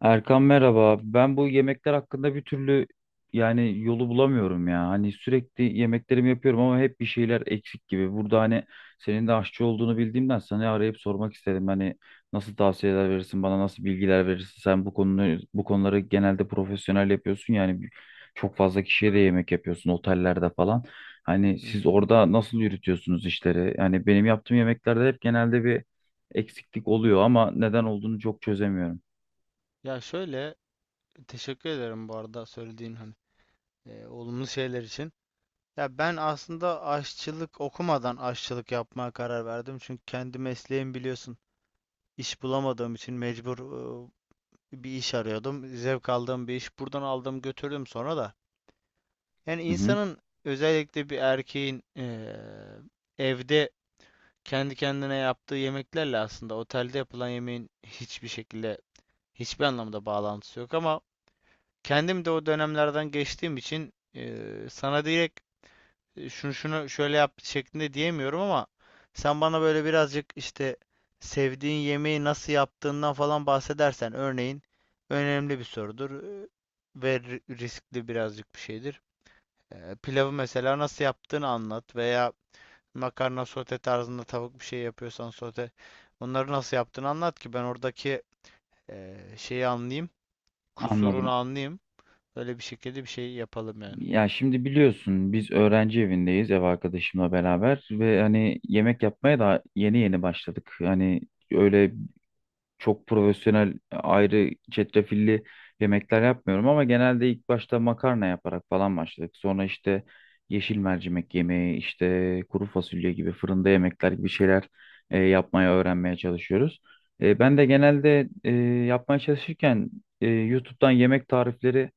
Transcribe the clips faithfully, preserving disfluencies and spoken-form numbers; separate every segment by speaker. Speaker 1: Erkan merhaba. Ben bu yemekler hakkında bir türlü yani yolu bulamıyorum ya. Hani sürekli yemeklerimi yapıyorum ama hep bir şeyler eksik gibi. Burada hani senin de aşçı olduğunu bildiğimden sana arayıp sormak istedim. Hani nasıl tavsiyeler verirsin bana, nasıl bilgiler verirsin? Sen bu konuları bu konuları genelde profesyonel yapıyorsun yani bir- çok fazla kişiye de yemek yapıyorsun otellerde falan. Hani
Speaker 2: Hı
Speaker 1: siz
Speaker 2: hı.
Speaker 1: orada nasıl yürütüyorsunuz işleri? Yani benim yaptığım yemeklerde hep genelde bir eksiklik oluyor ama neden olduğunu çok çözemiyorum.
Speaker 2: Ya şöyle, teşekkür ederim bu arada söylediğin hani e, olumlu şeyler için. Ya ben aslında aşçılık okumadan aşçılık yapmaya karar verdim. Çünkü kendi mesleğim biliyorsun, iş bulamadığım için mecbur e, bir iş arıyordum. Zevk aldığım bir iş, buradan aldım götürdüm sonra da. Yani
Speaker 1: Hı hı.
Speaker 2: insanın, özellikle bir erkeğin e, evde kendi kendine yaptığı yemeklerle aslında otelde yapılan yemeğin hiçbir şekilde, hiçbir anlamda bağlantısı yok. Ama kendim de o dönemlerden geçtiğim için eee, sana direkt e, şunu şunu şöyle yap şeklinde diyemiyorum. Ama sen bana böyle birazcık işte sevdiğin yemeği nasıl yaptığından falan bahsedersen, örneğin, önemli bir sorudur e, ve ri- riskli birazcık bir şeydir. Eee, pilavı mesela nasıl yaptığını anlat, veya makarna sote tarzında, tavuk bir şey yapıyorsan sote, onları nasıl yaptığını anlat ki ben oradaki eee, şeyi anlayayım, kusurunu
Speaker 1: Anladım.
Speaker 2: anlayayım. Böyle bir şekilde bir şey yapalım yani.
Speaker 1: Ya şimdi biliyorsun biz öğrenci evindeyiz, ev arkadaşımla beraber ve hani yemek yapmaya da yeni yeni başladık. Hani öyle çok profesyonel ayrı çetrefilli yemekler yapmıyorum ama genelde ilk başta makarna yaparak falan başladık. Sonra işte yeşil mercimek yemeği, işte kuru fasulye gibi fırında yemekler gibi şeyler e, yapmaya öğrenmeye çalışıyoruz. E, ben de genelde e, yapmaya çalışırken e, YouTube'dan yemek tarifleri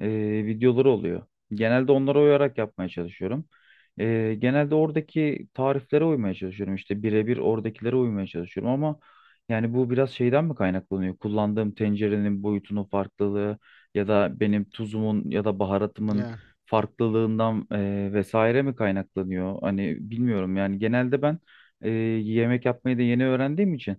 Speaker 1: e, videoları oluyor. Genelde onlara uyarak yapmaya çalışıyorum. E, genelde oradaki tariflere uymaya çalışıyorum. İşte birebir oradakilere uymaya çalışıyorum ama yani bu biraz şeyden mi kaynaklanıyor? Kullandığım tencerenin boyutunun farklılığı ya da benim tuzumun ya da baharatımın
Speaker 2: Yani.
Speaker 1: farklılığından e, vesaire mi kaynaklanıyor? Hani bilmiyorum yani genelde ben e, yemek yapmayı da yeni öğrendiğim için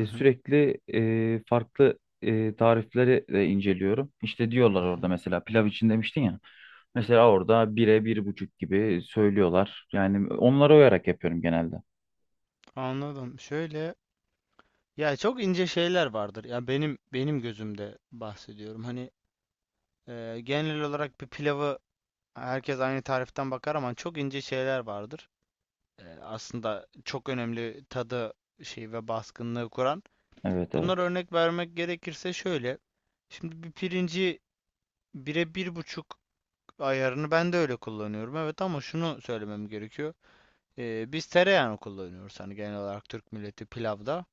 Speaker 2: Hı hı.
Speaker 1: sürekli e, farklı e, tarifleri de inceliyorum. İşte diyorlar
Speaker 2: Hı hı.
Speaker 1: orada, mesela pilav için demiştin ya. Mesela orada bire bir buçuk gibi söylüyorlar. Yani onlara uyarak yapıyorum genelde.
Speaker 2: Anladım. Şöyle, ya çok ince şeyler vardır. Ya benim benim gözümde bahsediyorum. Hani e, genel olarak bir pilavı herkes aynı tariften bakar, ama çok ince şeyler vardır. E, aslında çok önemli tadı, şey ve baskınlığı kuran.
Speaker 1: Evet,
Speaker 2: Bunlara
Speaker 1: evet.
Speaker 2: örnek vermek gerekirse şöyle. Şimdi bir pirinci, bire bir buçuk ayarını ben de öyle kullanıyorum. Evet, ama şunu söylemem gerekiyor. Ee, biz tereyağını kullanıyoruz, hani genel olarak Türk milleti pilavda.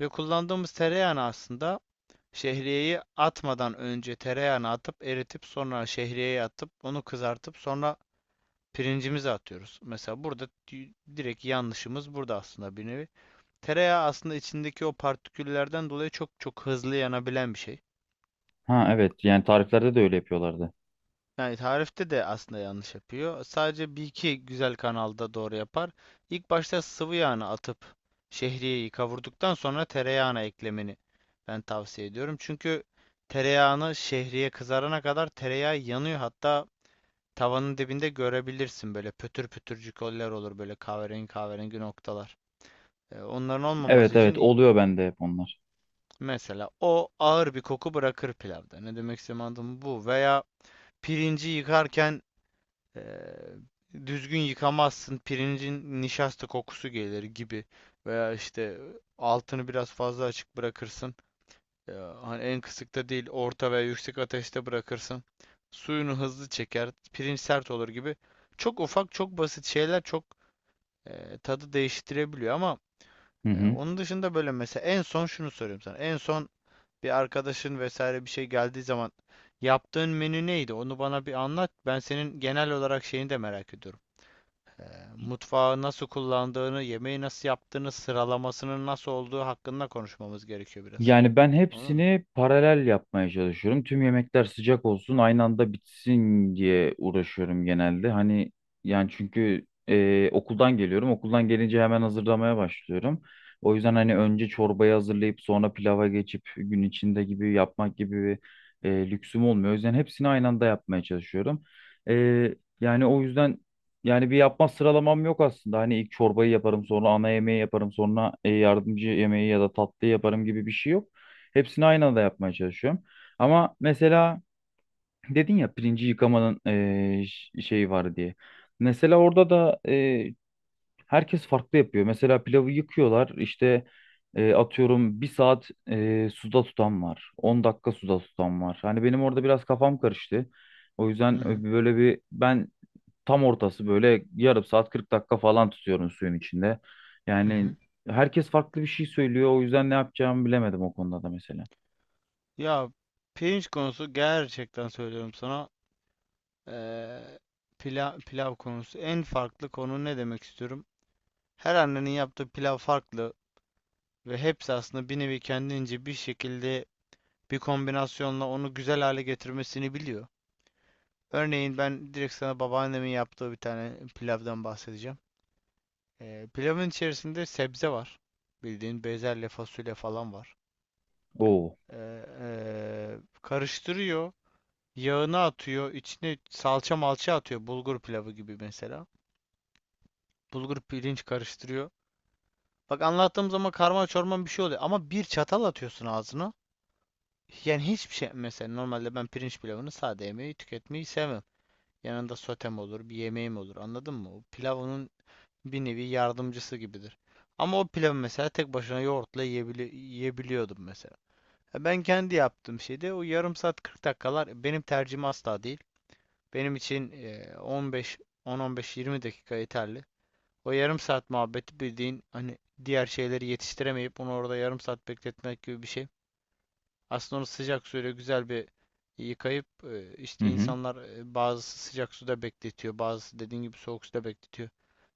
Speaker 2: Ve kullandığımız tereyağını aslında şehriyeyi atmadan önce tereyağını atıp eritip sonra şehriyeyi atıp onu kızartıp sonra pirincimizi atıyoruz. Mesela burada di- direkt yanlışımız burada aslında, bir nevi. Tereyağı aslında içindeki o partiküllerden dolayı çok çok hızlı yanabilen bir şey.
Speaker 1: Ha evet, yani tariflerde de öyle yapıyorlardı.
Speaker 2: Yani tarifte de aslında yanlış yapıyor. Sadece bir iki güzel kanalda doğru yapar. İlk başta sıvı yağını atıp şehriyeyi kavurduktan sonra tereyağına eklemeni ben tavsiye ediyorum. Çünkü tereyağını, şehriye kızarana kadar tereyağı yanıyor. Hatta tavanın dibinde görebilirsin, böyle pötür pötürcük oller olur, böyle kahverengi kahverengi noktalar. E, onların olmaması
Speaker 1: Evet,
Speaker 2: için,
Speaker 1: evet, oluyor bende hep onlar.
Speaker 2: mesela o ağır bir koku bırakır pilavda. Ne demek istediğimi anladın mı bu? Veya pirinci yıkarken Eee, düzgün yıkamazsın, pirincin nişasta kokusu gelir gibi. Veya işte altını biraz fazla açık bırakırsın. Eee, Hani en kısıkta değil, orta veya yüksek ateşte bırakırsın. Suyunu hızlı çeker, pirinç sert olur gibi. Çok ufak, çok basit şeyler çok eee, tadı değiştirebiliyor. Ama
Speaker 1: Hı
Speaker 2: eee,
Speaker 1: hı.
Speaker 2: onun dışında, böyle mesela, en son şunu soruyorum sana. En son bir arkadaşın vesaire bir şey geldiği zaman yaptığın menü neydi? Onu bana bir anlat. Ben senin genel olarak şeyini de merak ediyorum. Eee, mutfağı nasıl kullandığını, yemeği nasıl yaptığını, sıralamasının nasıl olduğu hakkında konuşmamız gerekiyor biraz.
Speaker 1: Yani ben
Speaker 2: Anladın mı?
Speaker 1: hepsini paralel yapmaya çalışıyorum. Tüm yemekler sıcak olsun, aynı anda bitsin diye uğraşıyorum genelde. Hani yani çünkü e, okuldan geliyorum. Okuldan gelince hemen hazırlamaya başlıyorum. O yüzden hani önce çorbayı hazırlayıp sonra pilava geçip gün içinde gibi yapmak gibi bir e, lüksüm olmuyor. O yüzden hepsini aynı anda yapmaya çalışıyorum. E, yani o yüzden yani bir yapma sıralamam yok aslında. Hani ilk çorbayı yaparım, sonra ana yemeği yaparım, sonra e, yardımcı yemeği ya da tatlı yaparım gibi bir şey yok. Hepsini aynı anda yapmaya çalışıyorum. Ama mesela dedin ya pirinci yıkamanın e, ş- şeyi var diye. Mesela orada da e, herkes farklı yapıyor. Mesela pilavı yıkıyorlar işte, e, atıyorum, bir saat e, suda tutan var. On dakika suda tutan var. Hani benim orada biraz kafam karıştı. O
Speaker 2: Hı
Speaker 1: yüzden
Speaker 2: hı.
Speaker 1: böyle bir ben tam ortası böyle yarım saat kırk dakika falan tutuyorum suyun içinde.
Speaker 2: Hı
Speaker 1: Yani
Speaker 2: hı.
Speaker 1: herkes farklı bir şey söylüyor. O yüzden ne yapacağımı bilemedim o konuda da mesela.
Speaker 2: Ya pirinç konusu, gerçekten söylüyorum sana. eee, pila- Pilav konusu. En farklı konu, ne demek istiyorum? Her annenin yaptığı pilav farklı ve hepsi aslında bir nevi kendince bir şekilde bir kombinasyonla onu güzel hale getirmesini biliyor. Örneğin ben direkt sana babaannemin yaptığı bir tane pilavdan bahsedeceğim. Ee, pilavın içerisinde sebze var. Bildiğin bezelye, fasulye falan var.
Speaker 1: Oo.
Speaker 2: Ee, ee, karıştırıyor. Yağını atıyor, içine salça malça atıyor. Bulgur pilavı gibi mesela. Bulgur pirinç karıştırıyor. Bak, anlattığım zaman karma çorman bir şey oluyor. Ama bir çatal atıyorsun ağzına. Yani hiçbir şey. Mesela normalde ben pirinç pilavını sade, yemeği tüketmeyi sevmem. Yanında sotem olur, bir yemeğim olur. Anladın mı? O pilav onun bir nevi yardımcısı gibidir. Ama o pilavı mesela tek başına yoğurtla yiyebili yiyebiliyordum mesela. E Ben kendi yaptığım şeyde o yarım saat, kırk dakikalar benim tercihim asla değil. Benim için e, on beş, on on beş-yirmi dakika yeterli. O yarım saat muhabbeti bildiğin hani diğer şeyleri yetiştiremeyip onu orada yarım saat bekletmek gibi bir şey. Aslında onu sıcak suyla güzel bir e, yıkayıp e,
Speaker 1: Hı
Speaker 2: işte
Speaker 1: hı.
Speaker 2: insanlar e, bazısı sıcak suda bekletiyor, bazısı dediğin gibi soğuk suda bekletiyor.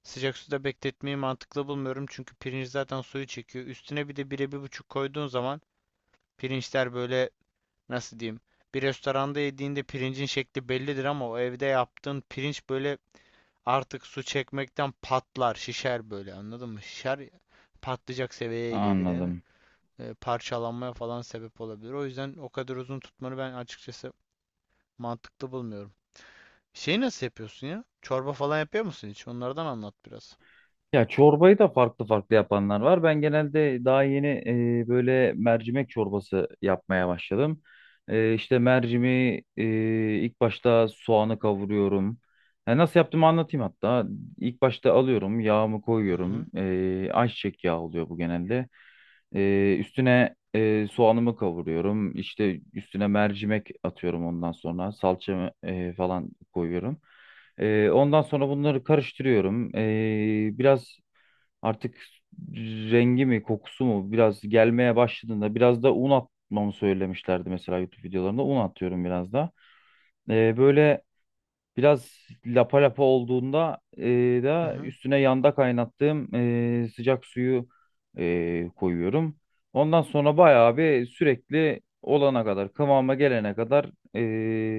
Speaker 2: Sıcak suda bekletmeyi mantıklı bulmuyorum, çünkü pirinç zaten suyu çekiyor. Üstüne bir de bire bir buçuk koyduğun zaman pirinçler böyle, nasıl diyeyim? Bir restoranda yediğinde pirincin şekli bellidir, ama o evde yaptığın pirinç böyle artık su çekmekten patlar, şişer böyle, anladın mı? Şişer, patlayacak seviyeye gelir yani,
Speaker 1: Anladım.
Speaker 2: e, parçalanmaya falan sebep olabilir. O yüzden o kadar uzun tutmanı ben açıkçası mantıklı bulmuyorum. Şeyi nasıl yapıyorsun ya? Çorba falan yapıyor musun hiç? Onlardan anlat biraz.
Speaker 1: Ya çorbayı da farklı farklı yapanlar var. Ben genelde daha yeni e, böyle mercimek çorbası yapmaya başladım. E, işte mercimi e, ilk başta soğanı kavuruyorum. E, nasıl yaptığımı anlatayım hatta. İlk başta alıyorum, yağımı
Speaker 2: Hı
Speaker 1: koyuyorum.
Speaker 2: hı,
Speaker 1: E, ayçiçek yağı oluyor bu genelde. E, üstüne e, soğanımı kavuruyorum. İşte üstüne mercimek atıyorum ondan sonra. Salçamı e, falan koyuyorum. Ee, ondan sonra bunları karıştırıyorum. Ee, biraz artık rengi mi kokusu mu biraz gelmeye başladığında biraz da un atmamı söylemişlerdi, mesela YouTube videolarında. Un atıyorum biraz da. Ee, böyle biraz lapa lapa olduğunda e,
Speaker 2: hı
Speaker 1: da
Speaker 2: hı.
Speaker 1: üstüne yanda kaynattığım e, sıcak suyu e, koyuyorum. Ondan sonra bayağı bir, sürekli olana kadar, kıvama gelene kadar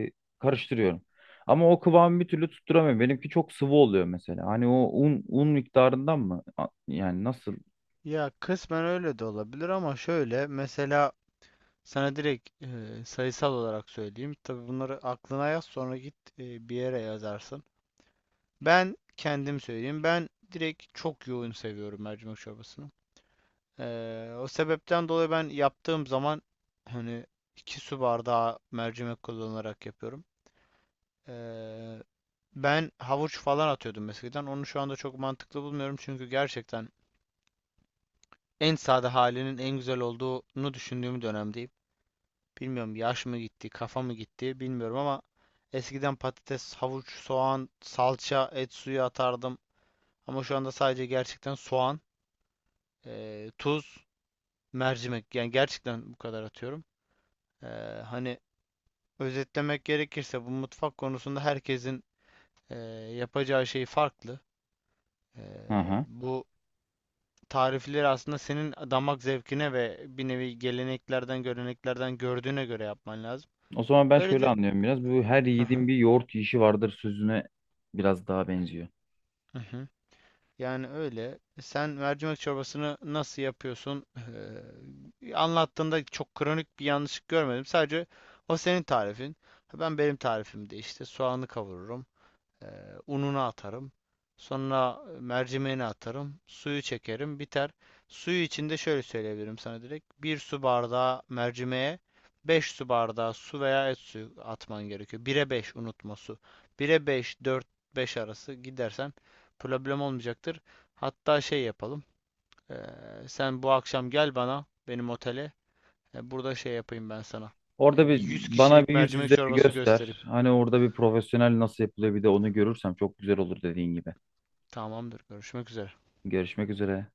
Speaker 1: e, karıştırıyorum. Ama o kıvamı bir türlü tutturamıyorum. Benimki çok sıvı oluyor mesela. Hani o un un miktarından mı? A- Yani nasıl?
Speaker 2: Ya kısmen öyle de olabilir, ama şöyle mesela, sana direkt e, sayısal olarak söyleyeyim. Tabii bunları aklına yaz, sonra git e, bir yere yazarsın. Ben kendim söyleyeyim. Ben direkt çok yoğun seviyorum mercimek çorbasını. Ee, o sebepten dolayı ben yaptığım zaman, hani, iki su bardağı mercimek kullanarak yapıyorum. Ee, Ben havuç falan atıyordum eskiden. Onu şu anda çok mantıklı bulmuyorum, çünkü gerçekten en sade halinin en güzel olduğunu düşündüğüm dönemdeyim. Bilmiyorum, yaş mı gitti, kafa mı gitti bilmiyorum, ama eskiden patates, havuç, soğan, salça, et suyu atardım. Ama şu anda sadece gerçekten soğan, e, tuz, mercimek, yani gerçekten bu kadar atıyorum. Ee, Hani, özetlemek gerekirse, bu mutfak konusunda herkesin eee, yapacağı şey farklı. Eee,
Speaker 1: Hı hı.
Speaker 2: bu tarifleri aslında senin damak zevkine ve bir nevi geleneklerden, göreneklerden gördüğüne göre yapman lazım.
Speaker 1: O zaman ben
Speaker 2: Öyle
Speaker 1: şöyle
Speaker 2: de...
Speaker 1: anlıyorum biraz. Bu, her
Speaker 2: Hı hı,
Speaker 1: yiğidin bir yoğurt yiyişi vardır sözüne biraz daha benziyor.
Speaker 2: hı hı. Yani öyle. Sen mercimek çorbasını nasıl yapıyorsun? Eee, anlattığında çok kronik bir yanlışlık görmedim. Sadece o senin tarifin. Ben benim tarifimde işte soğanı kavururum. Eee, Ununu atarım. Sonra mercimeğini atarım. Suyu çekerim. Biter. Suyu içinde şöyle söyleyebilirim sana direkt. Bir su bardağı mercimeğe beş su bardağı su veya et suyu atman gerekiyor. Bire beş, unutma, su. Bire beş, dört beş arası gidersen problem olmayacaktır. Hatta şey yapalım. Eee, Sen bu akşam gel bana, benim otele. E, burada şey yapayım ben sana.
Speaker 1: Orada
Speaker 2: E, bir
Speaker 1: bir
Speaker 2: yüz
Speaker 1: bana
Speaker 2: kişilik
Speaker 1: bir yüz
Speaker 2: mercimek
Speaker 1: yüze bir
Speaker 2: çorbası göstereyim.
Speaker 1: göster. Hani orada bir profesyonel nasıl yapılıyor, bir de onu görürsem çok güzel olur, dediğin gibi.
Speaker 2: Tamamdır. Görüşmek üzere.
Speaker 1: Görüşmek üzere.